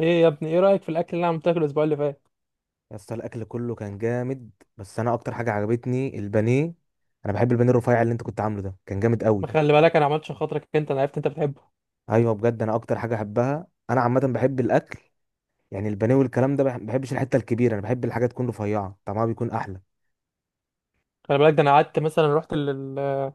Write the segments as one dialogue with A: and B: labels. A: ايه يا ابني، ايه رايك في الاكل اللي انا عملته لك الاسبوع اللي فات؟
B: يا اسطى، الاكل كله كان جامد. بس انا اكتر حاجه عجبتني البانيه. انا بحب البانيه الرفيع اللي انت كنت عامله، ده كان جامد
A: ما
B: قوي.
A: خلي بالك، انا عملت عشان خاطرك انت، انا عرفت انت بتحبه.
B: ايوه، بجد انا اكتر حاجه احبها. انا عامه بحب الاكل، يعني البانيه والكلام ده. بحبش الحته الكبيره، انا بحب الحاجه تكون رفيعه، طعمها بيكون احلى.
A: خلي بالك، ده انا قعدت مثلا رحت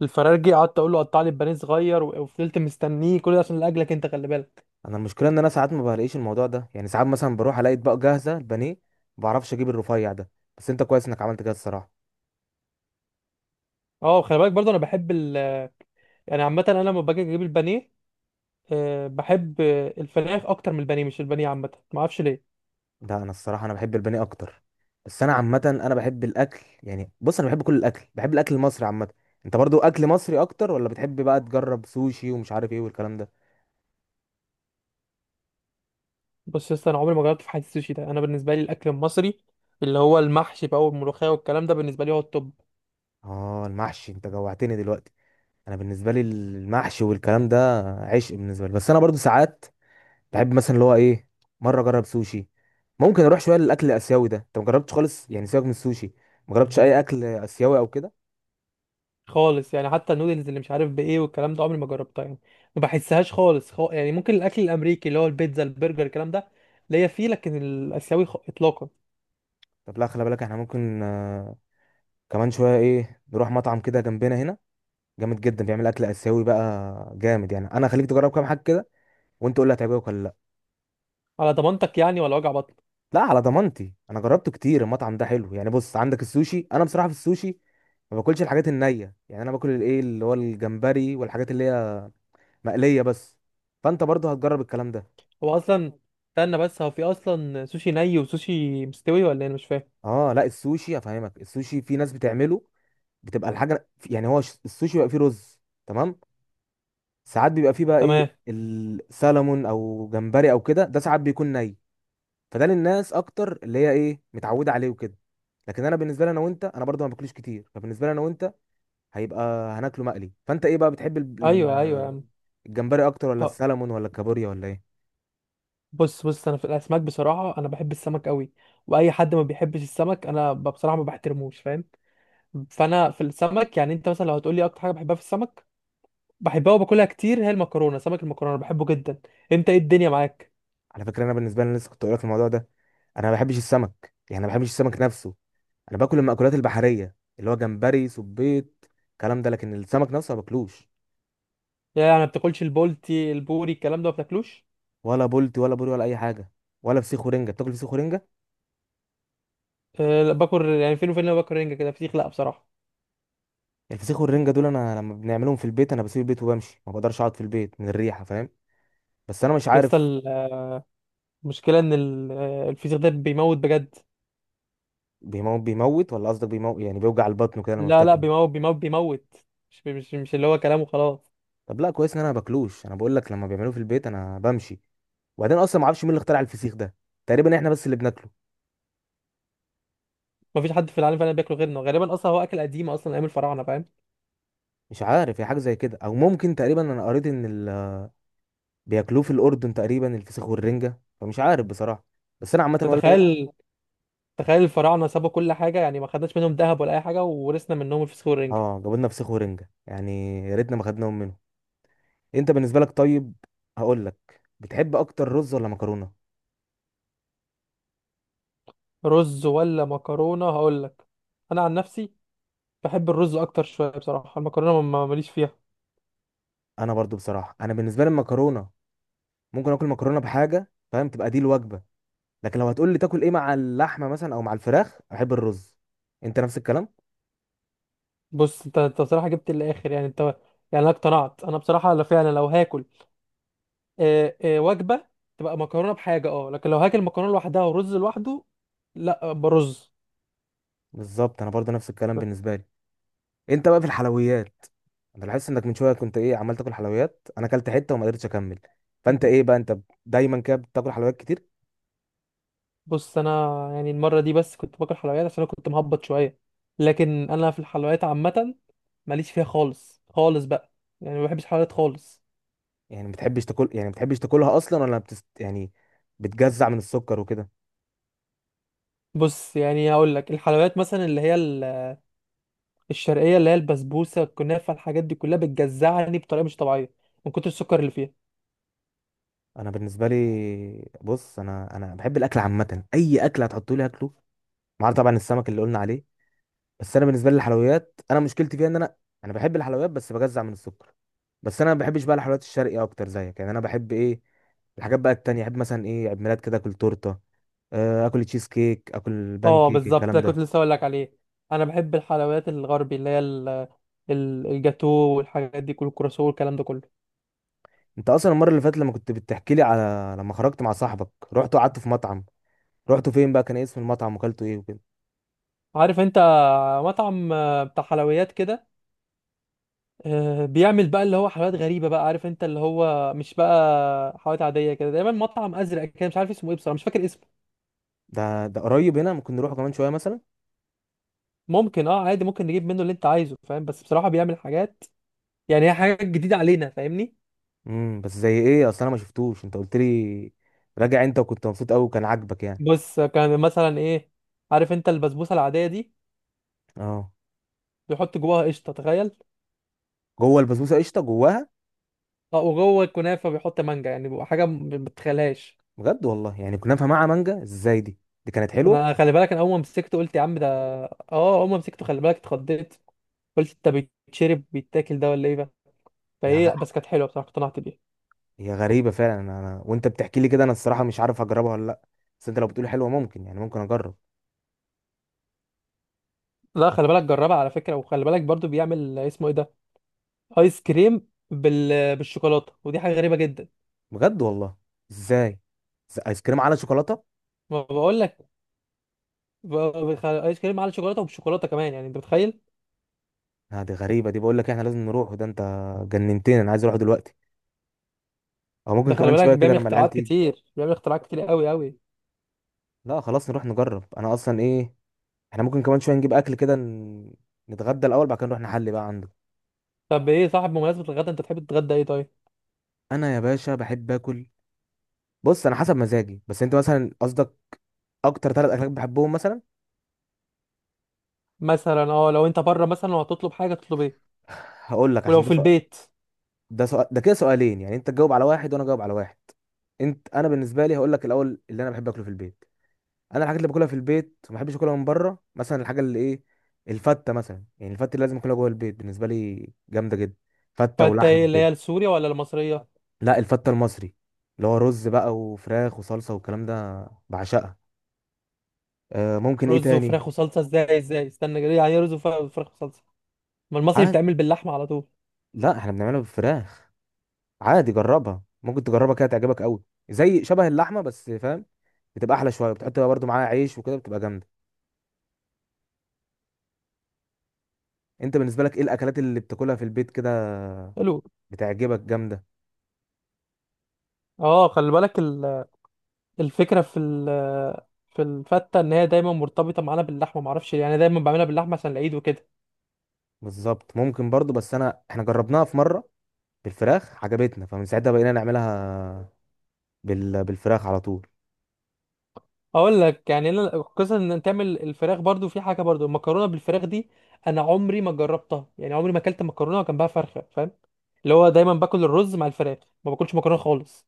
A: للفراخجي، قعدت اقول له قطع لي البانيه صغير، وفضلت مستنيه كل ده عشان لاجلك انت، خلي بالك.
B: انا المشكله ان انا ساعات ما بلاقيش الموضوع ده، يعني ساعات مثلا بروح الاقي اطباق جاهزه البانيه ما بعرفش اجيب الرفيع ده. بس انت كويس انك عملت كده الصراحه.
A: اه خلي بالك برضه، انا بحب يعني عامه انا لما باجي اجيب البانيه. أه بحب، الفراخ اكتر من البانيه، مش البانيه، عامه ما اعرفش ليه.
B: ده انا الصراحه انا بحب البانيه اكتر. بس انا عامه انا بحب الاكل، يعني بص انا بحب كل الاكل، بحب الاكل المصري عامه. انت برضو اكل مصري اكتر، ولا بتحب بقى تجرب سوشي ومش عارف ايه والكلام ده؟
A: بص يا اسطى، انا عمري ما جربت في حياتي السوشي ده، انا بالنسبه لي الاكل المصري اللي هو المحشي بقى والملوخيه والكلام ده بالنسبه لي هو التوب.
B: اه، المحشي انت جوعتني دلوقتي. انا بالنسبه لي المحشي والكلام ده عشق بالنسبه لي. بس انا برضو ساعات بحب مثلا اللي هو ايه، مره اجرب سوشي. ممكن اروح شويه للاكل الاسيوي ده، انت ما جربتش خالص؟ يعني سيبك من السوشي، ما جربتش اي اكل اسيوي او كده؟
A: خالص يعني، حتى النودلز اللي مش عارف بايه والكلام ده عمري ما جربتها يعني، ما بحسهاش خالص. يعني ممكن الاكل الامريكي اللي هو البيتزا البرجر الكلام ده ليا فيه، لكن الاسيوي اطلاقا.
B: طب لا، خلي بالك احنا ممكن كمان شويه ايه، نروح مطعم كده جنبنا هنا، جامد جدا، بيعمل اكل اسيوي بقى جامد، يعني انا هخليك تجرب كام حاجه كده وانت قول لي هتعجبك ولا لا.
A: على ضمانتك يعني، ولا وجع بطن؟
B: لا، على ضمانتي انا جربته كتير، المطعم ده حلو. يعني بص، عندك السوشي، انا بصراحه في السوشي ما باكلش الحاجات النيه، يعني انا باكل الايه اللي هو الجمبري والحاجات اللي هي مقليه بس. فانت برضه هتجرب الكلام ده.
A: هو اصلا، استنى بس، هو في اصلا سوشي ني وسوشي مستوي ولا إيه؟ انا مش فاهم.
B: اه لا، السوشي افهمك، السوشي في ناس بتعمله بتبقى الحاجه، يعني هو السوشي بيبقى فيه رز، تمام؟ ساعات بيبقى فيه بقى ايه،
A: تمام.
B: السلمون او جمبري او كده، ده ساعات بيكون ني. فده للناس اكتر اللي هي ايه، متعوده عليه وكده. لكن انا بالنسبه لي انا وانت، انا برضو ما باكلوش كتير، فبالنسبه لي انا وانت هيبقى هناكله مقلي. فانت ايه بقى، بتحب
A: ايوه ايوه يا عم.
B: الجمبري اكتر، ولا
A: آه،
B: السلمون، ولا الكابوريا، ولا ايه؟
A: بص بص، انا في الاسماك بصراحه انا بحب السمك قوي. واي حد ما بيحبش السمك انا بصراحه ما بحترموش، فاهم؟ فانا في السمك، يعني انت مثلا لو هتقولي اكتر حاجه بحبها في السمك بحبها وباكلها كتير، هي المكرونه سمك، المكرونه بحبه جدا. انت ايه الدنيا معاك؟
B: على فكره، انا بالنسبه لي أنا لسه كنت اقول لك الموضوع ده. انا ما بحبش السمك، يعني ما بحبش السمك نفسه. انا باكل المأكولات البحريه، اللي هو جمبري، صبيط، الكلام ده. لكن السمك نفسه ما باكلوش.
A: يعني ما بتاكلش البولتي البوري الكلام ده ما بتاكلوش؟
B: ولا بولتي ولا بوري ولا اي حاجه. ولا فسيخ ورنجه؟ بتاكل فسيخ ورنجه؟
A: أه لا، باكل يعني فين وفين، لما باكل رنجه كده فسيخ لا بصراحه.
B: الفسيخ والرنجه دول، انا لما بنعملهم في البيت انا بسيب البيت وبمشي، ما بقدرش اقعد في البيت من الريحه، فاهم؟ بس انا مش
A: لسه
B: عارف.
A: المشكله ان الفسيخ ده بيموت بجد.
B: بيموت، بيموت ولا قصدك بيموت يعني بيوجع البطن كده لما
A: لا لا،
B: بتاكله؟
A: بيموت بيموت بيموت، مش اللي هو كلامه، خلاص.
B: طب لا، كويس ان انا ما باكلوش. انا بقول لك لما بيعملوه في البيت انا بمشي. وبعدين اصلا ما اعرفش مين اللي اخترع الفسيخ ده، تقريبا احنا بس اللي بناكله.
A: ما فيش حد في العالم فعلا بياكله غيرنا غالبا، اصلا هو اكل قديم، اصلا ايام الفراعنه، فاهم؟
B: مش عارف، هي حاجه زي كده، او ممكن تقريبا انا قريت ان بياكلوه في الاردن تقريبا، الفسيخ والرنجه، فمش عارف بصراحه. بس انا عامه،
A: يعني
B: ولا ايه.
A: تخيل، تخيل الفراعنه سابوا كل حاجه، يعني ما خدناش منهم ذهب ولا اي حاجه، وورثنا منهم الفسيخ والرنجه.
B: اه، جابوا لنا فسيخ ورنجه يعني، يا ريتنا ما خدناهم منهم. انت بالنسبه لك طيب، هقول لك، بتحب اكتر رز ولا مكرونه؟
A: رز ولا مكرونه؟ هقول لك، انا عن نفسي بحب الرز اكتر شويه بصراحه، المكرونه ماليش فيها.
B: انا برضو بصراحه، انا بالنسبه لي المكرونه ممكن اكل مكرونه بحاجه، فاهم، تبقى دي الوجبه. لكن لو هتقول لي تاكل ايه مع اللحمه مثلا او مع الفراخ، احب الرز. انت نفس الكلام؟
A: بص انت انت بصراحه جبت الاخر، يعني انت، يعني انا اقتنعت، انا بصراحه لو فعلا، لو هاكل وجبه تبقى مكرونه بحاجه، اه، لكن لو هاكل مكرونه لوحدها ورز لوحده، لا، برز.
B: بالظبط، انا برضه نفس الكلام بالنسبه لي. انت بقى في الحلويات، انا لاحظت انك من شويه كنت ايه عمال تاكل حلويات، انا اكلت حته وما قدرتش اكمل. فانت ايه بقى انت، دايما كده بتاكل حلويات كتير؟
A: بص انا، يعني المره دي بس كنت باكل حلويات عشان انا كنت مهبط شويه، لكن انا في الحلويات عامه ماليش فيها خالص خالص بقى، يعني ما بحبش الحلويات خالص.
B: يعني ما بتحبش تاكل، يعني ما بتحبش تاكلها اصلا، ولا يعني بتجزع من السكر وكده؟
A: بص يعني هقول لك، الحلويات مثلا اللي هي الشرقيه، اللي هي البسبوسه الكنافه الحاجات دي كلها بتجزعني بطريقه مش طبيعيه من كتر السكر اللي فيها.
B: انا بالنسبه لي بص، انا بحب الاكل عامه، اي اكل هتحطولي اكله، ما عدا طبعا السمك اللي قلنا عليه. بس انا بالنسبه لي الحلويات، انا مشكلتي فيها ان انا بحب الحلويات بس بجزع من السكر. بس انا ما بحبش بقى الحلويات الشرقي اكتر زيك، يعني انا بحب ايه، الحاجات بقى التانية، احب مثلا ايه، عيد ميلاد كده اكل تورته، اكل تشيز كيك، اكل بان
A: اه
B: كيك،
A: بالظبط،
B: الكلام
A: ده كنت
B: ده.
A: لسه اقول لك عليه. انا بحب الحلويات الغربي، اللي هي الجاتو والحاجات دي كل الكراسو والكلام ده كله.
B: انت اصلا المره اللي فاتت لما كنت بتحكي لي على لما خرجت مع صاحبك رحت وقعدت في مطعم، رحت فين بقى، كان إيه اسم المطعم وكلته ايه وكده؟
A: عارف انت، مطعم بتاع حلويات كده، بيعمل بقى اللي هو حلويات غريبه بقى، عارف انت اللي هو مش بقى حلويات عاديه كده، دايما مطعم ازرق كده، مش عارف اسمه ايه بصراحه، مش فاكر اسمه.
B: ده قريب هنا، ممكن نروحه كمان شويه مثلا.
A: ممكن اه عادي، ممكن نجيب منه اللي انت عايزه، فاهم؟ بس بصراحه بيعمل حاجات، يعني هي حاجات جديده علينا، فاهمني؟
B: بس زي ايه اصلا، انا ما شفتوش، انت قلت لي، راجع انت وكنت مبسوط قوي وكان عاجبك يعني.
A: بص كان مثلا ايه، عارف انت البسبوسه العاديه دي،
B: اه،
A: بيحط جواها قشطه، تخيل.
B: جوه البسبوسه قشطه جواها؟
A: اه، وجوه الكنافه بيحط مانجا، يعني بيبقى حاجه ما بتتخيلهاش.
B: بجد والله، يعني كنا نفهم مع مانجا ازاي دي، دي كانت حلوه.
A: انا خلي بالك، انا اول ما مسكته قلت يا عم ده، اه اول ما مسكته خلي بالك اتخضيت، قلت انت، بيتشرب بيتاكل ده ولا ايه ده؟
B: هي
A: فايه
B: غ-
A: بس كانت حلوه بصراحه، اقتنعت بيها.
B: هي غريبه فعلا. وانت بتحكي لي كده، انا الصراحه مش عارف اجربها ولا لا. بس انت لو بتقولي حلوه، ممكن يعني ممكن اجرب.
A: لا خلي بالك، جربها على فكره، وخلي بالك برضو بيعمل اسمه ايه ده، ايس كريم بالشوكولاته، ودي حاجه غريبه جدا.
B: بجد والله؟ ازاي؟ ايس كريم على شوكولاته؟
A: ما بقول لك، ب- ايس كريم على الشوكولاته وبالشوكولاته كمان، يعني انت متخيل؟
B: آه، دي غريبه، دي بقول لك احنا لازم نروح، وده انت جننتني، انا عايز اروح دلوقتي، او ممكن
A: ده خلي
B: كمان
A: بالك
B: شويه كده
A: بيعمل
B: لما العيال
A: اختراعات
B: تيجي.
A: كتير، بيعمل اختراعات كتير قوي قوي.
B: لا خلاص، نروح نجرب. انا اصلا ايه، احنا ممكن كمان شويه نجيب اكل كده، نتغدى الاول، بعد كده نروح نحلي بقى عنده.
A: طب ايه صاحب، بمناسبة الغدا، انت تحب تتغدى ايه طيب؟
B: انا يا باشا بحب اكل، بص انا حسب مزاجي، بس انت مثلا قصدك اكتر 3 اكلات بحبهم مثلا.
A: مثلا اه، لو انت بره مثلا وهتطلب حاجة تطلب ايه؟
B: هقول لك،
A: ولو
B: عشان ده
A: في
B: سؤال،
A: البيت؟
B: ده سؤال ده كده سؤالين، يعني انت تجاوب على واحد وانا اجاوب على واحد. انت، انا بالنسبه لي هقول لك الاول اللي انا بحب اكله في البيت. انا الحاجات اللي باكلها في البيت ما بحبش اكلها من بره، مثلا الحاجه اللي ايه، الفته مثلا، يعني الفته اللي لازم اكلها جوه البيت بالنسبه لي جامده جدا، فته
A: فانت ايه،
B: ولحمه
A: اللي هي
B: كده.
A: السورية ولا المصرية؟
B: لا، الفته المصري اللي هو رز بقى وفراخ وصلصه والكلام ده، بعشقها. آه، ممكن ايه
A: رز
B: تاني.
A: وفراخ وصلصة؟ ازاي ازاي استنى كده، يعني ايه رز وفراخ وفراخ وصلصة؟ ما المصري
B: عاد،
A: بيتعمل باللحمة على طول.
B: لا احنا بنعملها بالفراخ، عادي جربها، ممكن تجربها كده تعجبك قوي، زي شبه اللحمه بس فاهم، بتبقى احلى شويه، بتحط بقى برضو معاها عيش وكده، بتبقى جامده. انت بالنسبه لك ايه الاكلات اللي بتاكلها في البيت كده
A: حلو.
B: بتعجبك جامده؟
A: اه خلي بالك الفكرة في الفتة ان هي دايما مرتبطة معانا باللحمة، معرفش ليه. يعني أنا دايما بعملها باللحمة عشان العيد وكده.
B: بالظبط، ممكن برضو، بس انا احنا جربناها في مره بالفراخ عجبتنا، فمن ساعتها بقينا نعملها بالفراخ على طول.
A: اقول لك يعني، انا قصه ان تعمل الفراخ برضو في حاجه، برضو المكرونه بالفراخ دي انا عمري ما جربتها، يعني عمري ما اكلت مكرونه وجنبها فرخه، فاهم؟ اللي هو دايما باكل الرز مع الفراخ، ما باكلش مكرونه خالص.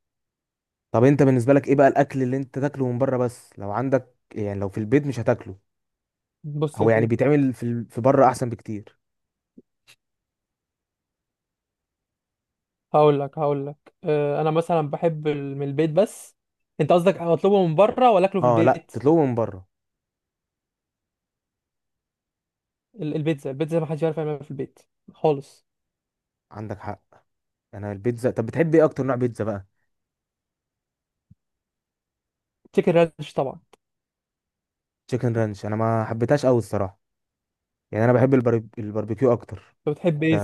B: طب انت بالنسبه لك ايه بقى الاكل اللي انت تاكله من بره بس، لو عندك، يعني لو في البيت مش هتاكله،
A: بص يا
B: او يعني
A: سيدي،
B: بيتعمل في بره احسن بكتير؟
A: هقول لك انا مثلا بحب من البيت بس، انت قصدك اطلبه من بره ولا اكله في
B: اه لا،
A: البيت؟
B: تطلبه من بره.
A: البيتزا، البيتزا ما حدش يعرف يعملها في البيت خالص.
B: عندك حق. انا البيتزا، طب بتحب ايه اكتر، نوع بيتزا بقى؟
A: تشيكن رانش طبعا.
B: تشيكن رانش؟ انا ما حبيتهاش قوي الصراحه، يعني انا بحب الباربيكيو اكتر.
A: انت بتحب
B: ف-
A: ايه؟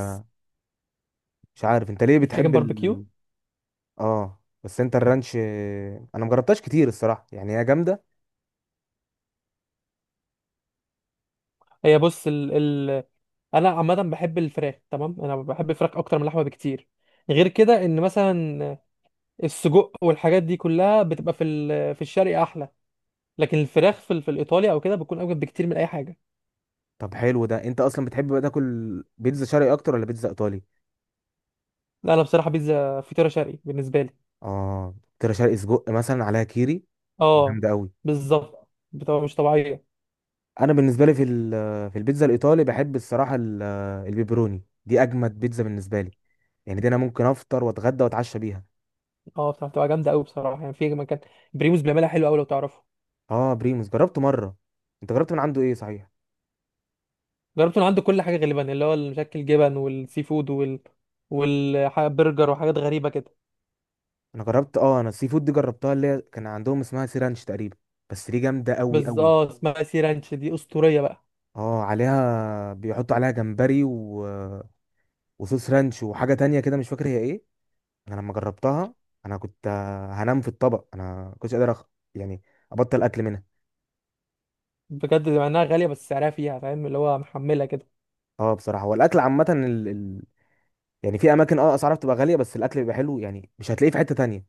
B: مش عارف انت ليه
A: التشيكن
B: بتحب
A: باربيكيو؟
B: اه بس انت الرانش انا مجربتهاش كتير الصراحه، يعني هي جامده.
A: هي بص، انا عامه بحب الفراخ، تمام. انا بحب الفراخ اكتر من اللحمه بكتير، غير كده ان مثلا السجق والحاجات دي كلها بتبقى في الشرق احلى، لكن الفراخ في الايطالي او كده بتكون اوجب بكتير من اي حاجه.
B: طب حلو، ده انت اصلا بتحب بقى تاكل بيتزا شرقي اكتر ولا بيتزا ايطالي؟
A: لا انا بصراحه، بيتزا فطيره شرقي بالنسبه لي.
B: اه، ترى شرقي سجق مثلا عليها كيري،
A: اه
B: جامده قوي.
A: بالظبط، بتبقى مش طبيعيه.
B: انا بالنسبه لي في البيتزا الايطالي، بحب الصراحه البيبروني، دي اجمد بيتزا بالنسبه لي، يعني دي انا ممكن افطر واتغدى واتعشى بيها.
A: اه بتبقى بتبقى جامده قوي بصراحه، يعني في مكان بريموس بيعملها حلو قوي لو تعرفه.
B: اه، بريموس جربته مره. انت جربت من عنده ايه صحيح؟
A: جربت من عنده كل حاجه غالبا، اللي هو المشكل جبن والسي فود والبرجر وحاجات غريبه كده.
B: انا جربت، انا السي فود دي جربتها، اللي هي كان عندهم اسمها سيرانش تقريبا، بس دي جامده قوي
A: بس
B: قوي.
A: اه اسمها سي رانش دي اسطوريه بقى.
B: اه، عليها بيحطوا عليها جمبري وصوص رانش وحاجه تانية كده مش فاكر هي ايه. انا لما جربتها انا كنت هنام في الطبق، انا كنتش قادر يعني ابطل اكل منها.
A: بجد، مع انها غاليه بس سعرها فيها، فاهم؟ اللي هو محمله كده.
B: اه بصراحه، هو الاكل عامه يعني في اماكن اسعارها بتبقى غاليه، بس الاكل بيبقى حلو، يعني مش هتلاقيه في حته تانية.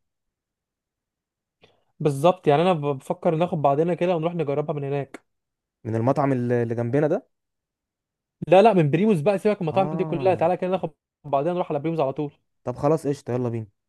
A: بالظبط، يعني انا بفكر ناخد بعضنا كده ونروح نجربها من هناك.
B: من المطعم اللي جنبنا ده؟
A: لا لا، من بريموز بقى، سيبك من المطاعم دي كلها،
B: اه،
A: تعالى كده ناخد بعضنا نروح على بريموز على طول.
B: طب خلاص قشطه، يلا بينا.